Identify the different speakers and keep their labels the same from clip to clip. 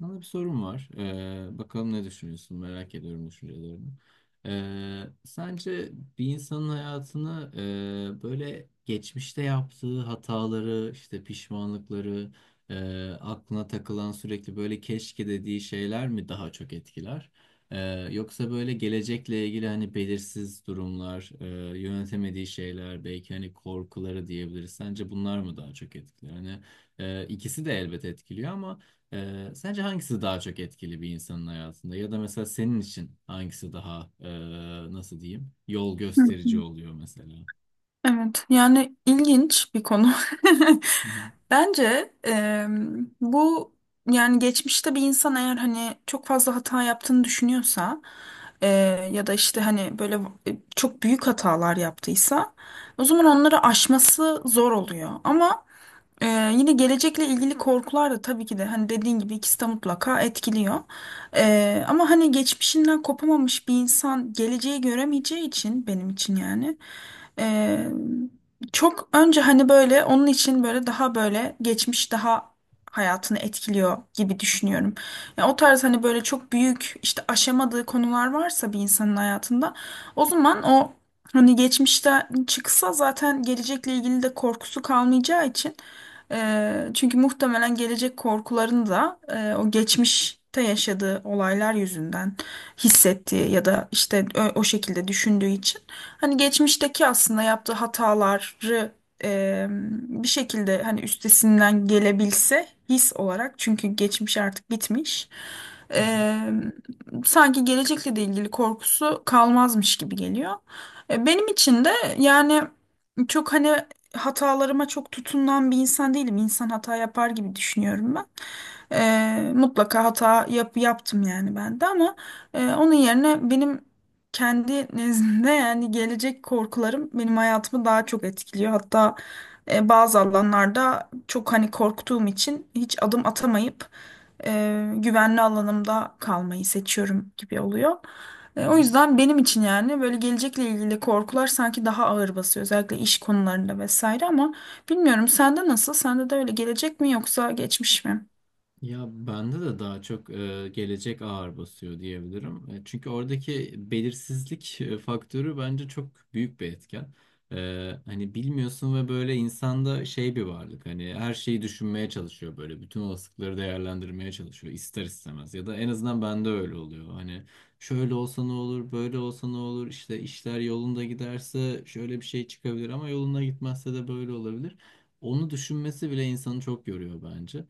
Speaker 1: Sana bir sorum var. Bakalım ne düşünüyorsun? Merak ediyorum düşüncelerini. Sence bir insanın hayatını böyle geçmişte yaptığı hataları, işte pişmanlıkları, aklına takılan sürekli böyle keşke dediği şeyler mi daha çok etkiler? Ee, Yoksa böyle gelecekle ilgili hani belirsiz durumlar, yönetemediği şeyler, belki hani korkuları diyebiliriz. Sence bunlar mı daha çok etkiler? Hani ikisi de elbet etkiliyor ama. Sence hangisi daha çok etkili bir insanın hayatında? Ya da mesela senin için hangisi daha nasıl diyeyim yol
Speaker 2: Hı hı.
Speaker 1: gösterici oluyor mesela?
Speaker 2: Evet, yani ilginç bir konu.
Speaker 1: Hı hı,
Speaker 2: Bence bu yani geçmişte bir insan eğer hani çok fazla hata yaptığını düşünüyorsa e, ya da işte hani böyle çok büyük hatalar yaptıysa o zaman onları aşması zor oluyor. Ama ee, yine gelecekle ilgili korkular da tabii ki de hani dediğin gibi ikisi de mutlaka etkiliyor. Ama hani geçmişinden kopamamış bir insan geleceği göremeyeceği için benim için yani ee, çok önce hani böyle onun için böyle daha böyle geçmiş daha hayatını etkiliyor gibi düşünüyorum. Yani o tarz hani böyle çok büyük işte aşamadığı konular varsa bir insanın hayatında o zaman o hani geçmişten çıksa zaten gelecekle ilgili de korkusu kalmayacağı için. Çünkü muhtemelen gelecek korkularını da o geçmişte yaşadığı olaylar yüzünden hissettiği ya da işte o şekilde düşündüğü için hani geçmişteki aslında yaptığı hataları eee, bir şekilde hani üstesinden gelebilse his olarak çünkü geçmiş artık bitmiş.
Speaker 1: hı hı,
Speaker 2: Eee, sanki gelecekle de ilgili korkusu kalmazmış gibi geliyor. Benim için de yani çok hani hatalarıma çok tutunan bir insan değilim. İnsan hata yapar gibi düşünüyorum ben. Mutlaka hata yaptım yani ben de ama onun yerine benim kendi nezdimde yani gelecek korkularım benim hayatımı daha çok etkiliyor. Hatta bazı alanlarda çok hani korktuğum için hiç adım atamayıp güvenli alanımda kalmayı seçiyorum gibi oluyor.
Speaker 1: hı
Speaker 2: O
Speaker 1: hı.
Speaker 2: yüzden benim için yani böyle gelecekle ilgili korkular sanki daha ağır basıyor. Özellikle iş konularında vesaire ama bilmiyorum sende nasıl? Sende de öyle gelecek mi yoksa geçmiş mi?
Speaker 1: Ya bende de daha çok gelecek ağır basıyor diyebilirim. Çünkü oradaki belirsizlik faktörü bence çok büyük bir etken. E, Hani bilmiyorsun ve böyle insanda şey bir varlık hani her şeyi düşünmeye çalışıyor böyle bütün olasılıkları değerlendirmeye çalışıyor ister istemez ya da en azından bende öyle oluyor. Hani şöyle olsa ne olur, böyle olsa ne olur, işte işler yolunda giderse şöyle bir şey çıkabilir ama yolunda gitmezse de böyle olabilir. Onu düşünmesi bile insanı çok yoruyor bence.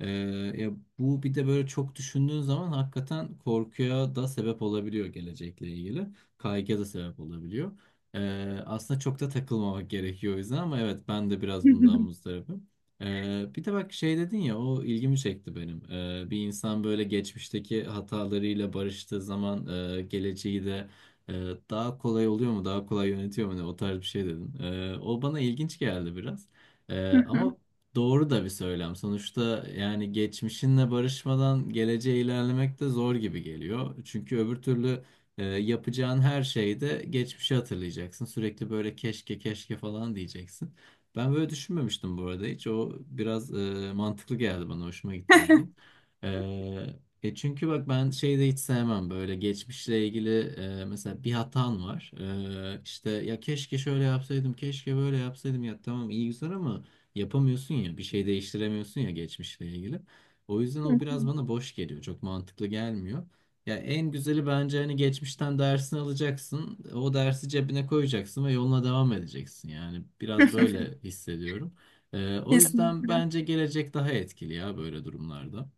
Speaker 1: Ee, Ya bu bir de böyle çok düşündüğün zaman hakikaten korkuya da sebep olabiliyor gelecekle ilgili. Kaygıya da sebep olabiliyor. Aslında çok da takılmamak gerekiyor o yüzden ama evet ben de biraz bundan muzdaribim. Bir de bak şey dedin ya o ilgimi çekti benim. Bir insan böyle geçmişteki hatalarıyla barıştığı zaman geleceği de e, daha kolay oluyor mu, daha kolay yönetiyor mu ne o tarz bir şey dedin. O bana ilginç geldi biraz. Ama doğru da bir söylem. Sonuçta yani geçmişinle barışmadan geleceğe ilerlemek de zor gibi geliyor. Çünkü öbür türlü yapacağın her şeyde geçmişi hatırlayacaksın. Sürekli böyle keşke keşke falan diyeceksin. Ben böyle düşünmemiştim bu arada hiç. O biraz mantıklı geldi bana. Hoşuma gitti dediğin. E, çünkü bak ben şeyi de hiç sevmem böyle geçmişle ilgili mesela bir hatan var. İşte ya keşke şöyle yapsaydım, keşke böyle yapsaydım ya tamam iyi güzel ama yapamıyorsun ya, bir şey değiştiremiyorsun ya geçmişle ilgili. O yüzden o biraz bana boş geliyor, çok mantıklı gelmiyor. Ya en güzeli bence hani geçmişten dersini alacaksın, o dersi cebine koyacaksın ve yoluna devam edeceksin. Yani biraz böyle hissediyorum. O yüzden
Speaker 2: Kesinlikle.
Speaker 1: bence gelecek daha etkili ya böyle durumlarda.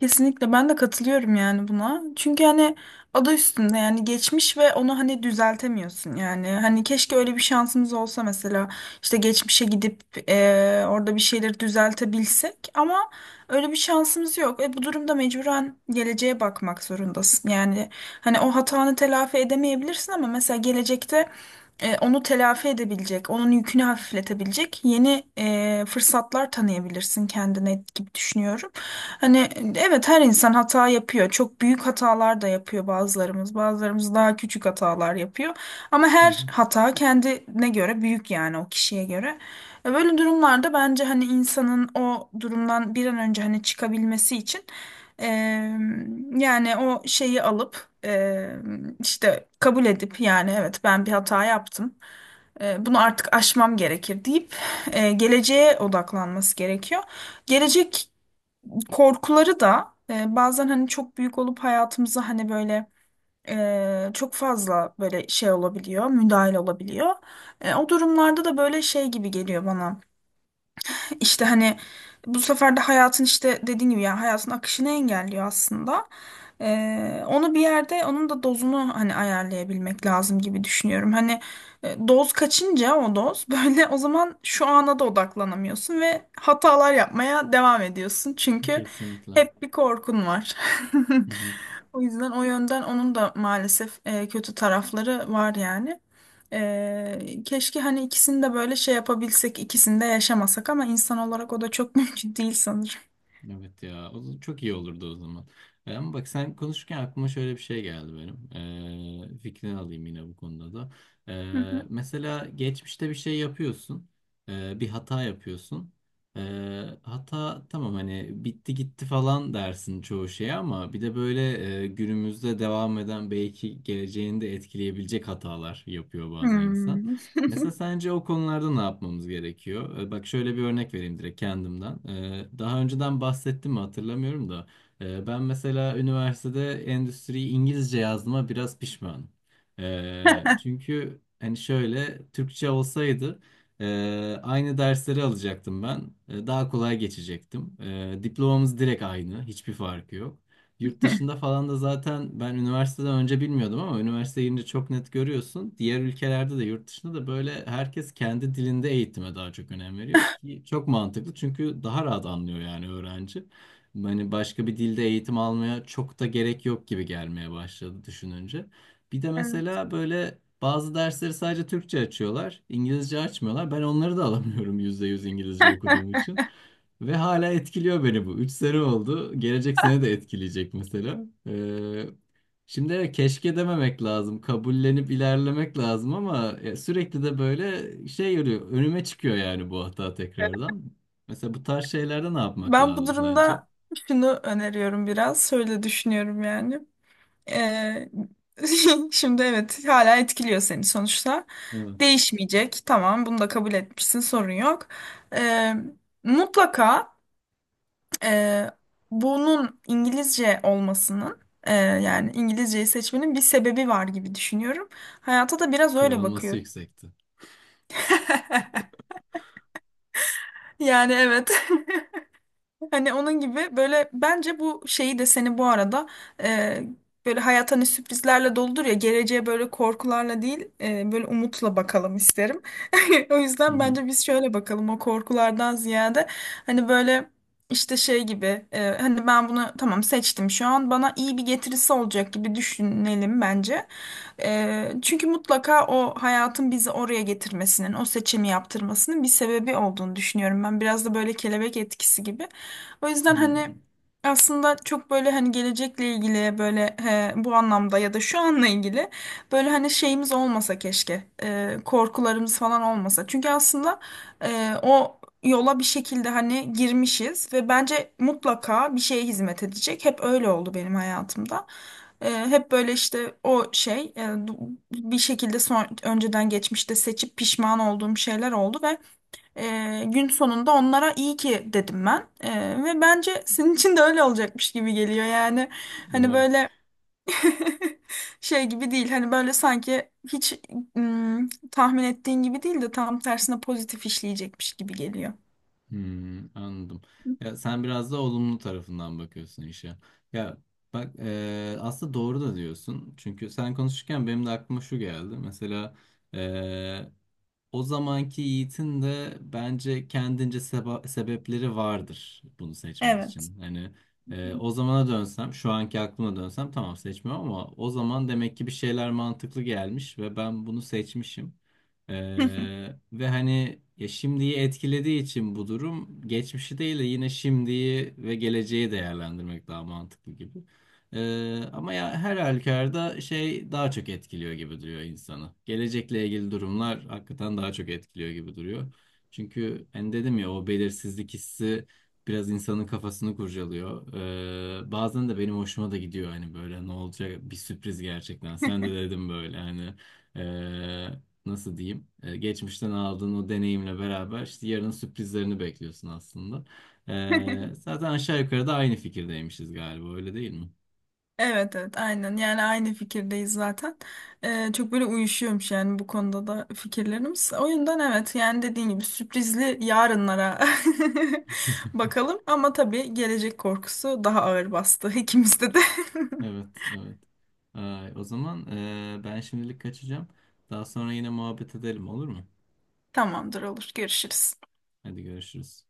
Speaker 2: Kesinlikle ben de katılıyorum yani buna. Çünkü hani adı üstünde yani geçmiş ve onu hani düzeltemiyorsun yani. Hani keşke öyle bir şansımız olsa mesela işte geçmişe gidip orada bir şeyleri düzeltebilsek ama öyle bir şansımız yok. E bu durumda mecburen geleceğe bakmak zorundasın. Yani hani o hatanı telafi edemeyebilirsin ama mesela gelecekte onu telafi edebilecek, onun yükünü hafifletebilecek yeni fırsatlar tanıyabilirsin kendine gibi düşünüyorum. Hani evet her insan hata yapıyor. Çok büyük hatalar da yapıyor bazılarımız. Bazılarımız daha küçük hatalar yapıyor. Ama
Speaker 1: Hı
Speaker 2: her hata kendine göre büyük yani o kişiye göre. Böyle durumlarda bence hani insanın o durumdan bir an önce hani çıkabilmesi için e, yani o şeyi alıp e, işte kabul edip yani evet ben bir hata yaptım. Bunu artık aşmam gerekir deyip geleceğe odaklanması gerekiyor. Gelecek korkuları da bazen hani çok büyük olup hayatımıza hani böyle çok fazla böyle şey olabiliyor, müdahil olabiliyor. O durumlarda da böyle şey gibi geliyor bana. İşte hani bu sefer de hayatın işte dediğin gibi yani hayatın akışını engelliyor aslında. Onu bir yerde onun da dozunu hani ayarlayabilmek lazım gibi düşünüyorum. Hani doz kaçınca o doz böyle o zaman şu ana da odaklanamıyorsun ve hatalar yapmaya devam ediyorsun.
Speaker 1: hı,
Speaker 2: Çünkü
Speaker 1: kesinlikle.
Speaker 2: hep bir korkun var.
Speaker 1: Hı hı.
Speaker 2: O yüzden o yönden onun da maalesef kötü tarafları var yani. Keşke hani ikisini de böyle şey yapabilsek, ikisini de yaşamasak ama insan olarak o da çok mümkün değil sanırım.
Speaker 1: Evet ya o zaman çok iyi olurdu o zaman. E, ama bak sen konuşurken aklıma şöyle bir şey geldi benim. Fikrini alayım yine bu konuda da.
Speaker 2: Hı hı.
Speaker 1: Mesela geçmişte bir şey yapıyorsun. Bir hata yapıyorsun. E, Hata tamam hani bitti gitti falan dersin çoğu şeye ama bir de böyle günümüzde devam eden belki geleceğini de etkileyebilecek hatalar yapıyor bazen insan.
Speaker 2: Hmm.
Speaker 1: Mesela sence o konularda ne yapmamız gerekiyor? Bak şöyle bir örnek vereyim direkt kendimden. Daha önceden bahsettim mi hatırlamıyorum da. Ben mesela üniversitede endüstriyi İngilizce yazdığıma biraz pişmanım. Çünkü hani şöyle Türkçe olsaydı aynı dersleri alacaktım ben. Daha kolay geçecektim. Diplomamız direkt aynı. Hiçbir farkı yok. Yurt dışında falan da zaten ben üniversiteden önce bilmiyordum ama üniversiteye girince çok net görüyorsun. Diğer ülkelerde de yurt dışında da böyle herkes kendi dilinde eğitime daha çok önem veriyor ki çok mantıklı çünkü daha rahat anlıyor yani öğrenci. Hani başka bir dilde eğitim almaya çok da gerek yok gibi gelmeye başladı düşününce. Bir de
Speaker 2: Evet.
Speaker 1: mesela böyle bazı dersleri sadece Türkçe açıyorlar, İngilizce açmıyorlar. Ben onları da alamıyorum %100 İngilizce okuduğum için. Ve hala etkiliyor beni bu. 3 sene oldu. Gelecek sene de etkileyecek mesela. Şimdi evet, keşke dememek lazım. Kabullenip ilerlemek lazım ama sürekli de böyle şey yürüyor. Önüme çıkıyor yani bu hata tekrardan. Mesela bu tarz şeylerde ne yapmak
Speaker 2: Ben bu
Speaker 1: lazım sence?
Speaker 2: durumda şunu öneriyorum biraz. Şöyle düşünüyorum yani. Ee, şimdi evet hala etkiliyor seni sonuçta.
Speaker 1: Evet.
Speaker 2: Değişmeyecek. Tamam bunu da kabul etmişsin sorun yok. Ee, Mutlaka Ee, bunun İngilizce olmasının yani İngilizceyi seçmenin bir sebebi var gibi düşünüyorum. Hayata da biraz öyle
Speaker 1: Sıralaması
Speaker 2: bakıyorum.
Speaker 1: yüksekti.
Speaker 2: Yani evet. Hani onun gibi böyle bence bu şeyi de seni bu arada e, böyle hayat hani sürprizlerle doludur ya geleceğe böyle korkularla değil böyle umutla bakalım isterim. O
Speaker 1: Hı
Speaker 2: yüzden
Speaker 1: hı.
Speaker 2: bence biz şöyle bakalım o korkulardan ziyade hani böyle işte şey gibi hani ben bunu tamam seçtim şu an bana iyi bir getirisi olacak gibi düşünelim bence. Çünkü mutlaka o hayatın bizi oraya getirmesinin o seçimi yaptırmasının bir sebebi olduğunu düşünüyorum ben biraz da böyle kelebek etkisi gibi. O yüzden
Speaker 1: Hı.
Speaker 2: hani aslında çok böyle hani gelecekle ilgili böyle bu anlamda ya da şu anla ilgili böyle hani şeyimiz olmasa keşke korkularımız falan olmasa. Çünkü aslında o yola bir şekilde hani girmişiz ve bence mutlaka bir şeye hizmet edecek. Hep öyle oldu benim hayatımda. Hep böyle işte o şey bir şekilde önceden geçmişte seçip pişman olduğum şeyler oldu gün sonunda onlara iyi ki dedim ben. Ve bence senin için de öyle olacakmış gibi geliyor yani. Hani
Speaker 1: Umarım.
Speaker 2: böyle şey gibi değil hani böyle sanki hiç tahmin ettiğin gibi değil de tam tersine pozitif işleyecekmiş gibi geliyor.
Speaker 1: Hmm, anladım. Ya sen biraz da olumlu tarafından bakıyorsun işe. Ya bak aslında doğru da diyorsun. Çünkü sen konuşurken benim de aklıma şu geldi. Mesela o zamanki Yiğit'in de bence kendince sebepleri vardır bunu seçmek
Speaker 2: Evet.
Speaker 1: için. Hani o zamana dönsem, şu anki aklıma dönsem tamam seçmiyorum ama o zaman demek ki bir şeyler mantıklı gelmiş ve ben bunu seçmişim. E, Ve hani ya şimdiyi etkilediği için bu durum geçmişi değil de yine şimdiyi ve geleceği değerlendirmek daha mantıklı gibi. Ama ya her halükarda şey daha çok etkiliyor gibi duruyor insanı. Gelecekle ilgili durumlar hakikaten daha çok etkiliyor gibi duruyor. Çünkü hani dedim ya o belirsizlik hissi biraz insanın kafasını kurcalıyor. Bazen de benim hoşuma da gidiyor hani böyle ne olacak bir sürpriz gerçekten. Sen de dedim böyle hani ee, nasıl diyeyim? Geçmişten aldığın o deneyimle beraber işte yarının sürprizlerini bekliyorsun aslında. Zaten aşağı yukarı da aynı fikirdeymişiz galiba öyle değil mi?
Speaker 2: Evet evet aynen yani aynı fikirdeyiz zaten. Çok böyle uyuşuyormuş yani bu konuda da fikirlerimiz. O yüzden evet yani dediğin gibi sürprizli yarınlara bakalım ama tabii gelecek korkusu daha ağır bastı ikimizde de.
Speaker 1: Evet, evet. Ay, o zaman ben şimdilik kaçacağım. Daha sonra yine muhabbet edelim olur mu?
Speaker 2: Tamamdır, olur, görüşürüz.
Speaker 1: Hadi görüşürüz.